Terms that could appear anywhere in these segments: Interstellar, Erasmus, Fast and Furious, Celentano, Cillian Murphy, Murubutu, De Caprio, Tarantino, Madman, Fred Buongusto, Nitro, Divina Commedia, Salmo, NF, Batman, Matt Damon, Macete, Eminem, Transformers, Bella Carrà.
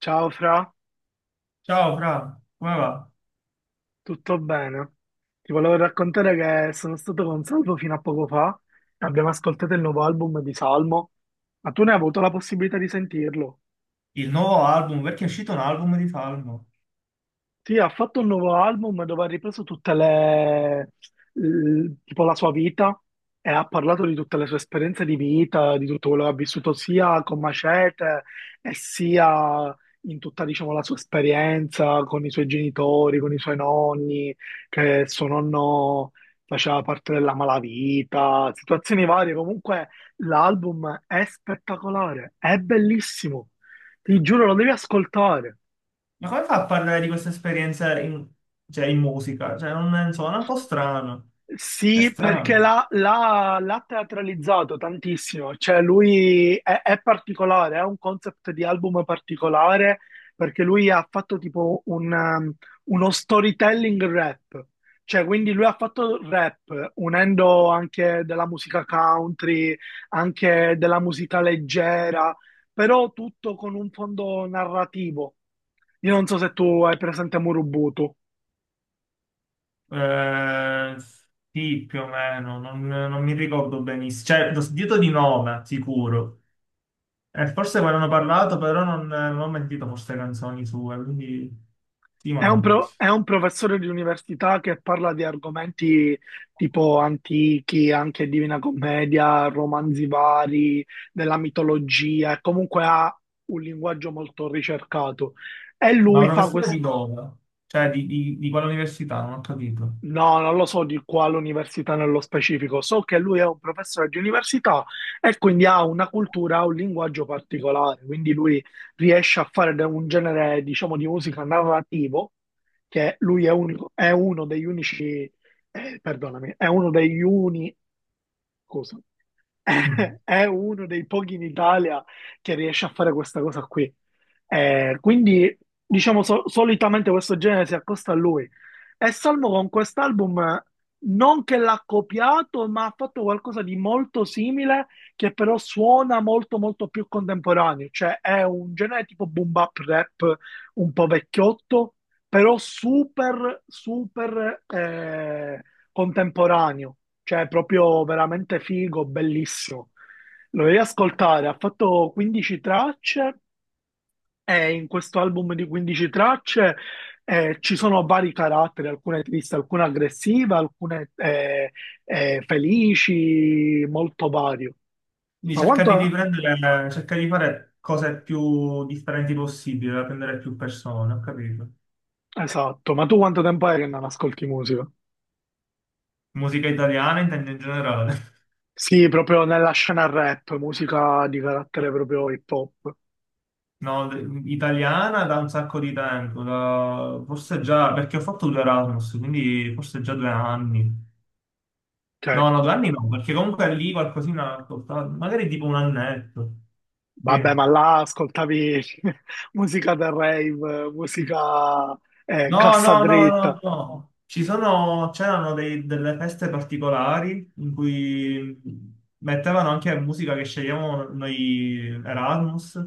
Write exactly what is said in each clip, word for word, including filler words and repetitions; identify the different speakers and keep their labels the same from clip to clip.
Speaker 1: Ciao Fra,
Speaker 2: Ciao Fra, come va?
Speaker 1: tutto bene? Ti volevo raccontare che sono stato con Salvo fino a poco fa e abbiamo ascoltato il nuovo album di Salmo, ma tu ne hai avuto la possibilità di sentirlo?
Speaker 2: Il nuovo album, perché è uscito un album di Salmo.
Speaker 1: Sì, ha fatto un nuovo album dove ha ripreso tutte le, l- tipo la sua vita e ha parlato di tutte le sue esperienze di vita, di tutto quello che ha vissuto sia con Macete e sia in tutta, diciamo, la sua esperienza con i suoi genitori, con i suoi nonni, che suo nonno faceva parte della malavita, situazioni varie. Comunque l'album è spettacolare, è bellissimo. Ti giuro, lo devi ascoltare.
Speaker 2: Ma come fa a parlare di questa esperienza in, cioè, in musica? Cioè, non, non so, è un po' strano. È
Speaker 1: Sì, perché
Speaker 2: strano.
Speaker 1: l'ha l'ha- l'ha teatralizzato tantissimo, cioè lui è, è particolare, è un concept di album particolare perché lui ha fatto tipo un, um, uno storytelling rap, cioè quindi lui ha fatto rap unendo anche della musica country, anche della musica leggera, però tutto con un fondo narrativo. Io non so se tu hai presente Murubutu.
Speaker 2: Eh, sì, più o meno, non, non mi ricordo benissimo. Cioè, l'ho sentito di nome, sicuro. E forse quando hanno parlato, però non, non ho sentito forse canzoni sue, quindi sì, ma
Speaker 1: È un,
Speaker 2: no.
Speaker 1: pro- è un professore di università che parla di argomenti tipo antichi, anche Divina Commedia, romanzi vari, della mitologia, e comunque ha un linguaggio molto ricercato. E
Speaker 2: Ma
Speaker 1: lui fa
Speaker 2: professore di dove? Cioè, di, di, di quale università? Non ho capito.
Speaker 1: No, non lo so di quale università nello specifico. So che lui è un professore di università e quindi ha una cultura, ha un linguaggio particolare. Quindi lui riesce a fare de- un genere, diciamo, di musica narrativo, che lui è, unico- è uno degli unici, eh, perdonami, è uno degli uni, scusa, è uno dei pochi in Italia che riesce a fare questa cosa qui. Eh, quindi, diciamo, so- solitamente questo genere si accosta a lui. E Salmo con quest'album, eh, non che l'ha copiato, ma ha fatto qualcosa di molto simile, che però suona molto, molto più contemporaneo. Cioè, è un genere tipo boom bap rap, un po' vecchiotto, però super, super, eh, contemporaneo, cioè proprio veramente figo, bellissimo. Lo devi ascoltare, ha fatto quindici tracce e in questo album di quindici tracce eh, ci sono vari caratteri, alcune tristi, alcune aggressive, alcune eh, eh, felici, molto vario.
Speaker 2: Quindi
Speaker 1: Ma
Speaker 2: cercare di
Speaker 1: quanto...
Speaker 2: riprendere, cercare di fare cose più differenti possibili, da prendere più persone, ho capito.
Speaker 1: Esatto, ma tu quanto tempo è che non ascolti musica?
Speaker 2: Musica italiana intendo in generale.
Speaker 1: Sì, proprio nella scena rap, musica di carattere proprio hip hop.
Speaker 2: No, d- italiana da un sacco di tempo, da- forse già, perché ho fatto due Erasmus, quindi forse già due anni.
Speaker 1: Ok?
Speaker 2: No, no, due anni no, perché comunque lì qualcosina ho ascoltato, magari tipo un annetto. Sì.
Speaker 1: Vabbè, ma là ascoltavi musica da rave, musica eh,
Speaker 2: No,
Speaker 1: cassa
Speaker 2: no, no, no,
Speaker 1: dritta,
Speaker 2: no. Ci sono, c'erano dei- delle feste particolari in cui mettevano anche musica che scegliamo noi Erasmus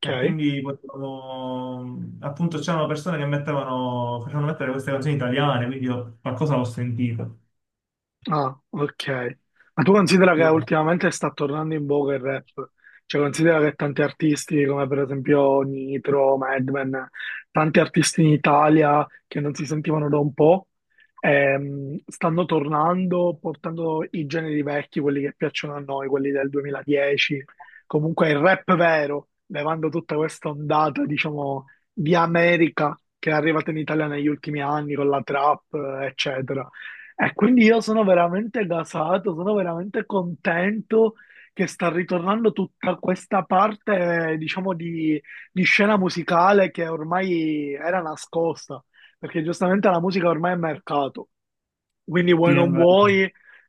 Speaker 2: e quindi potevamo, appunto c'erano persone che mettevano, facevano mettere queste canzoni italiane, quindi io qualcosa l'ho sentito.
Speaker 1: Ah, ok. Ma tu considera che
Speaker 2: Sì,
Speaker 1: ultimamente sta tornando in voga il rap? Cioè, considera che tanti artisti, come per esempio Nitro, Madman, tanti artisti in Italia che non si sentivano da un po', ehm, stanno tornando portando i generi vecchi, quelli che piacciono a noi, quelli del duemiladieci. Comunque il rap vero, levando tutta questa ondata, diciamo, di America che è arrivata in Italia negli ultimi anni con la trap, eccetera. E quindi io sono veramente gasato, sono veramente contento che sta ritornando tutta questa parte, diciamo, di, di scena musicale che ormai era nascosta, perché giustamente la musica ormai è mercato. Quindi vuoi
Speaker 2: sì, è
Speaker 1: non
Speaker 2: vero.
Speaker 1: vuoi,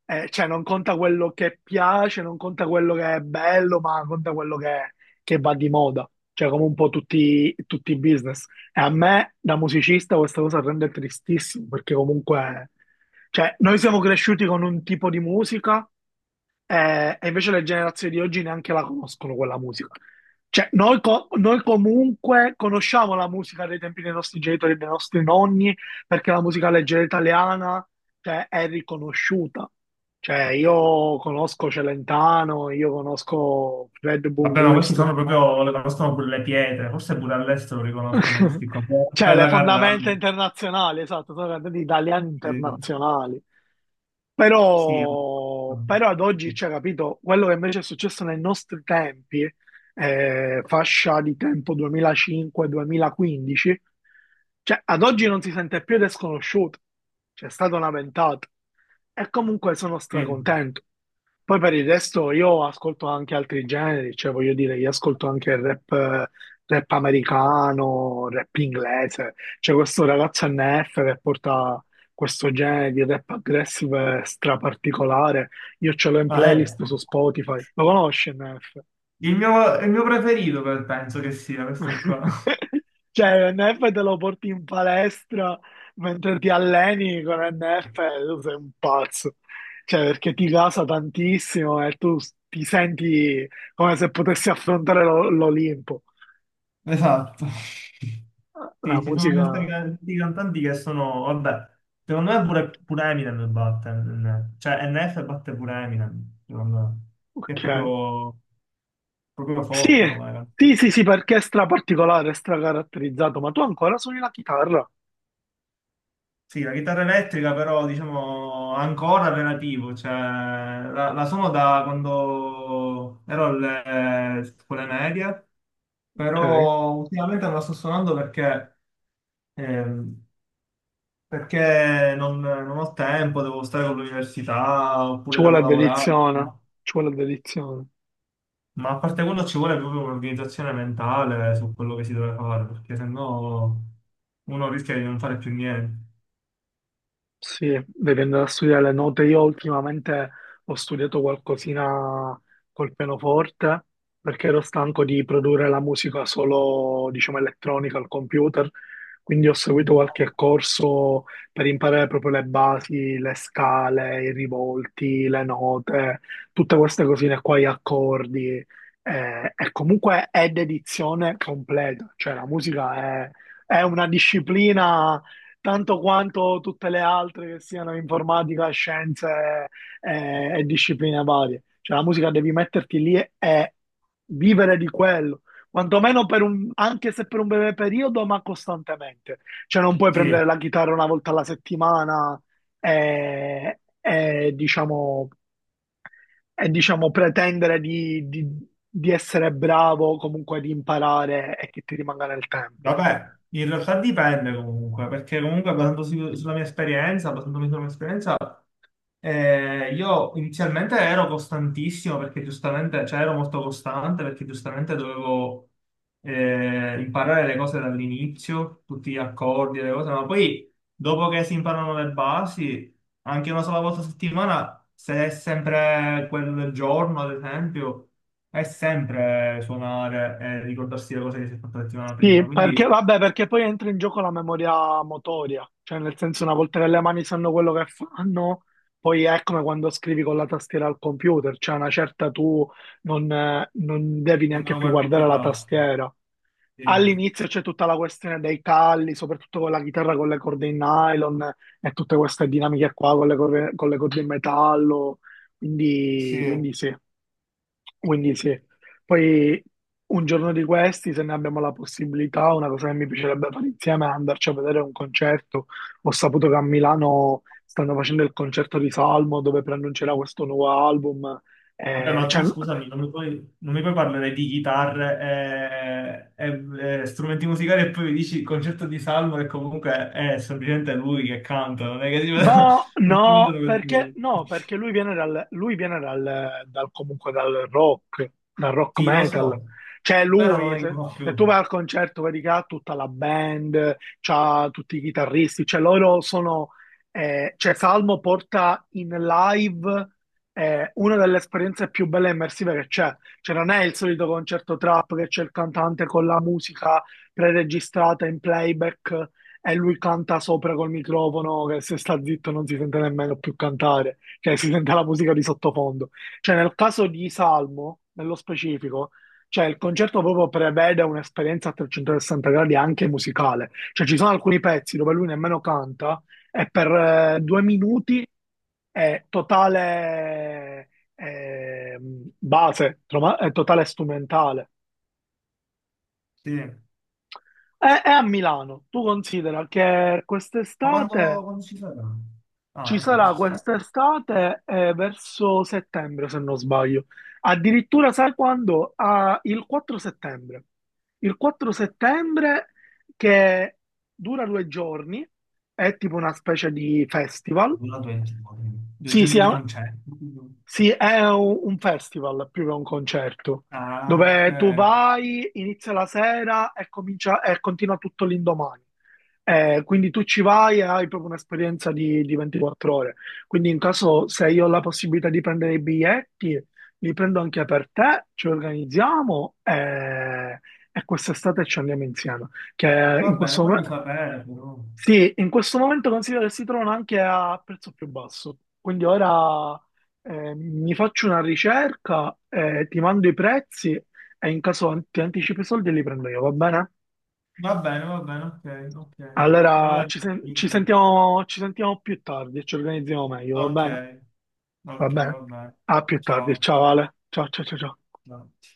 Speaker 1: eh, cioè non conta quello che piace, non conta quello che è bello, ma conta quello che, che va di moda, cioè come un po' tutti, tutti i business. E a me da musicista questa cosa rende tristissimo, perché comunque cioè, noi siamo cresciuti con un tipo di musica eh, e invece le generazioni di oggi neanche la conoscono quella musica. Cioè, noi, co- noi comunque conosciamo la musica dei tempi dei nostri genitori e dei nostri nonni, perché la musica leggera italiana, cioè, è riconosciuta. Cioè, io conosco Celentano, io conosco Fred
Speaker 2: Vabbè, ma questi
Speaker 1: Buongusto.
Speaker 2: sono proprio, le conoscono pure le pietre, forse pure all'estero riconoscono questi qua.
Speaker 1: Cioè, le
Speaker 2: Bella Carrà.
Speaker 1: fondamenta internazionali, esatto, sono cantati italiani
Speaker 2: Sì,
Speaker 1: internazionali.
Speaker 2: sì, è vero.
Speaker 1: Però, però ad oggi, cioè, capito, quello che invece è successo nei nostri tempi, eh, fascia di tempo duemilacinque-duemilaquindici, cioè, ad oggi non si sente più ed è sconosciuto. C'è stata una ventata. E comunque sono
Speaker 2: Sì.
Speaker 1: stracontento. Poi per il resto io ascolto anche altri generi, cioè voglio dire, io ascolto anche il rap, eh, rap americano, rap inglese. C'è questo ragazzo N F che porta questo genere di rap aggressive straparticolare. Io ce l'ho in
Speaker 2: Ah,
Speaker 1: playlist
Speaker 2: ecco.
Speaker 1: su Spotify. Lo conosci N F?
Speaker 2: Il mio, il mio preferito per- penso che sia questo qua.
Speaker 1: Cioè, l'N F te lo porti in palestra mentre ti alleni con l'N F, tu sei un pazzo. Cioè, perché ti casa tantissimo e tu s- ti senti come se potessi affrontare l'O- l'Olimpo.
Speaker 2: Esatto.
Speaker 1: La
Speaker 2: Sì, ci sono
Speaker 1: musica,
Speaker 2: questi can- questi cantanti che sono, vabbè, secondo me pure, pure Eminem batte, N F. Cioè N F batte pure Eminem, secondo me, che è
Speaker 1: ok.
Speaker 2: proprio, proprio,
Speaker 1: Sì,
Speaker 2: forte come cantante.
Speaker 1: sì, sì, sì, perché è stra particolare, è stra caratterizzato, ma tu ancora suoni la chitarra?
Speaker 2: Sì, la chitarra elettrica però diciamo ancora relativo, cioè la, la suono da quando ero alle eh, scuole medie,
Speaker 1: Ok.
Speaker 2: però ultimamente non la sto suonando perché, ehm, perché non, non ho tempo, devo stare con l'università
Speaker 1: Ci
Speaker 2: oppure devo
Speaker 1: vuole
Speaker 2: lavorare,
Speaker 1: dedizione, ci vuole dedizione.
Speaker 2: ma a parte quello ci vuole proprio un'organizzazione mentale su quello che si deve fare, perché sennò uno rischia di non fare più niente.
Speaker 1: Sì, dipende da studiare le note. Io ultimamente ho studiato qualcosina col pianoforte perché ero stanco di produrre la musica solo, diciamo, elettronica al computer. Quindi ho seguito
Speaker 2: Mm.
Speaker 1: qualche corso per imparare proprio le basi, le scale, i rivolti, le note, tutte queste cosine qua, gli accordi. Eh, e comunque è dedizione completa, cioè la musica è è una disciplina tanto quanto tutte le altre che siano informatica, scienze eh, e, discipline varie. Cioè la musica devi metterti lì e, e vivere di quello, quantomeno per un, anche se per un breve periodo, ma costantemente. Cioè non puoi
Speaker 2: Sì.
Speaker 1: prendere la chitarra una volta alla settimana e, e, diciamo, e diciamo pretendere di, di di essere bravo, comunque di imparare e che ti rimanga nel tempo.
Speaker 2: Vabbè, in realtà dipende comunque, perché comunque basandosi sulla mia esperienza, basandomi sulla mia esperienza, eh, io inizialmente ero costantissimo perché giustamente, cioè ero molto costante perché giustamente dovevo eh, imparare le cose dall'inizio, tutti gli accordi, le cose, ma poi dopo che si imparano le basi, anche una sola volta a settimana, se è sempre quello del giorno, ad esempio, è sempre suonare e ricordarsi le cose che si è fatta la settimana prima,
Speaker 1: Sì, perché,
Speaker 2: quindi
Speaker 1: vabbè, perché poi entra in gioco la memoria motoria, cioè nel senso una volta che le mani sanno quello che fanno, poi è come quando scrivi con la tastiera al computer, cioè una certa tu non, eh, non devi
Speaker 2: non me
Speaker 1: neanche
Speaker 2: lo
Speaker 1: più
Speaker 2: guardo più
Speaker 1: guardare
Speaker 2: da
Speaker 1: la
Speaker 2: oggi.
Speaker 1: tastiera.
Speaker 2: Sì.
Speaker 1: All'inizio c'è tutta la questione dei calli, soprattutto con la chitarra con le corde in nylon e tutte queste dinamiche qua con le, corde- con le corde in metallo, quindi,
Speaker 2: Sì.
Speaker 1: quindi sì. Quindi sì, poi un giorno di questi, se ne abbiamo la possibilità, una cosa che mi piacerebbe fare insieme è andarci a vedere un concerto. Ho saputo che a Milano stanno facendo il concerto di Salmo dove preannuncerà questo nuovo album.
Speaker 2: Vabbè,
Speaker 1: Eh,
Speaker 2: ma
Speaker 1: cioè,
Speaker 2: tu scusami, non mi puoi, non mi puoi parlare di chitarre e, e- e strumenti musicali e poi mi dici il concerto di Salmo che comunque è semplicemente lui che canta, non è che ti vedo-
Speaker 1: Ma
Speaker 2: non ti vedono
Speaker 1: no, perché,
Speaker 2: che-
Speaker 1: no, perché lui viene dal, lui viene dal, dal- comunque dal rock, dal rock
Speaker 2: Sì, lo
Speaker 1: metal.
Speaker 2: so,
Speaker 1: Cioè
Speaker 2: però non
Speaker 1: lui,
Speaker 2: è che
Speaker 1: se,
Speaker 2: non
Speaker 1: se tu
Speaker 2: più.
Speaker 1: vai al concerto, vedi che ha tutta la band, c'ha tutti i chitarristi, cioè loro sono, eh, cioè Salmo porta in live eh, una delle esperienze più belle e immersive che c'è. Cioè non è il solito concerto trap che c'è il cantante con la musica preregistrata in playback e lui canta sopra col microfono che se sta zitto non si sente nemmeno più cantare, cioè si sente la musica di sottofondo. Cioè nel caso di Salmo, nello specifico, cioè il concerto proprio prevede un'esperienza a trecentosessanta gradi anche musicale, cioè ci sono alcuni pezzi dove lui nemmeno canta e per eh, due minuti è totale eh, base, troma- è totale strumentale.
Speaker 2: Sì. Ma
Speaker 1: È, è a Milano, tu considera che quest'estate...
Speaker 2: quando, quando ci sarà?
Speaker 1: Ci
Speaker 2: Ah, ecco,
Speaker 1: sarà
Speaker 2: questo sta
Speaker 1: quest'estate eh, verso settembre, se non sbaglio. Addirittura, sai quando? Ah, il quattro settembre. Il quattro settembre che dura due giorni, è tipo una specie di festival.
Speaker 2: durando venti giorni. Due
Speaker 1: Sì, sì,
Speaker 2: giorni
Speaker 1: è
Speaker 2: di concerto.
Speaker 1: sì, è un un festival più che un concerto,
Speaker 2: Ah, ok.
Speaker 1: dove tu vai, inizia la sera e, comincia, e continua tutto l'indomani. Eh, quindi tu ci vai e hai proprio un'esperienza di, di ventiquattro ore. Quindi in caso se io ho la possibilità di prendere i biglietti, li prendo anche per te, ci organizziamo eh, e quest'estate ci andiamo insieme. Che
Speaker 2: Va
Speaker 1: In
Speaker 2: bene,
Speaker 1: questo
Speaker 2: fammi
Speaker 1: momento
Speaker 2: sapere però.
Speaker 1: sì, in questo momento considero che si trovano anche a prezzo più basso. Quindi ora eh, mi faccio una ricerca, eh, ti mando i prezzi e in caso an- ti anticipo i soldi li prendo io, va bene?
Speaker 2: Va bene, va bene, ok, ok.
Speaker 1: Allora
Speaker 2: Allora,
Speaker 1: ci, sen-
Speaker 2: sì.
Speaker 1: ci sentiamo, ci sentiamo più tardi e ci organizziamo meglio, va
Speaker 2: ok,
Speaker 1: bene? Va
Speaker 2: ok,
Speaker 1: bene.
Speaker 2: va bene.
Speaker 1: A più tardi,
Speaker 2: Ciao.
Speaker 1: ciao Ale. Ciao ciao ciao ciao.
Speaker 2: Ciao.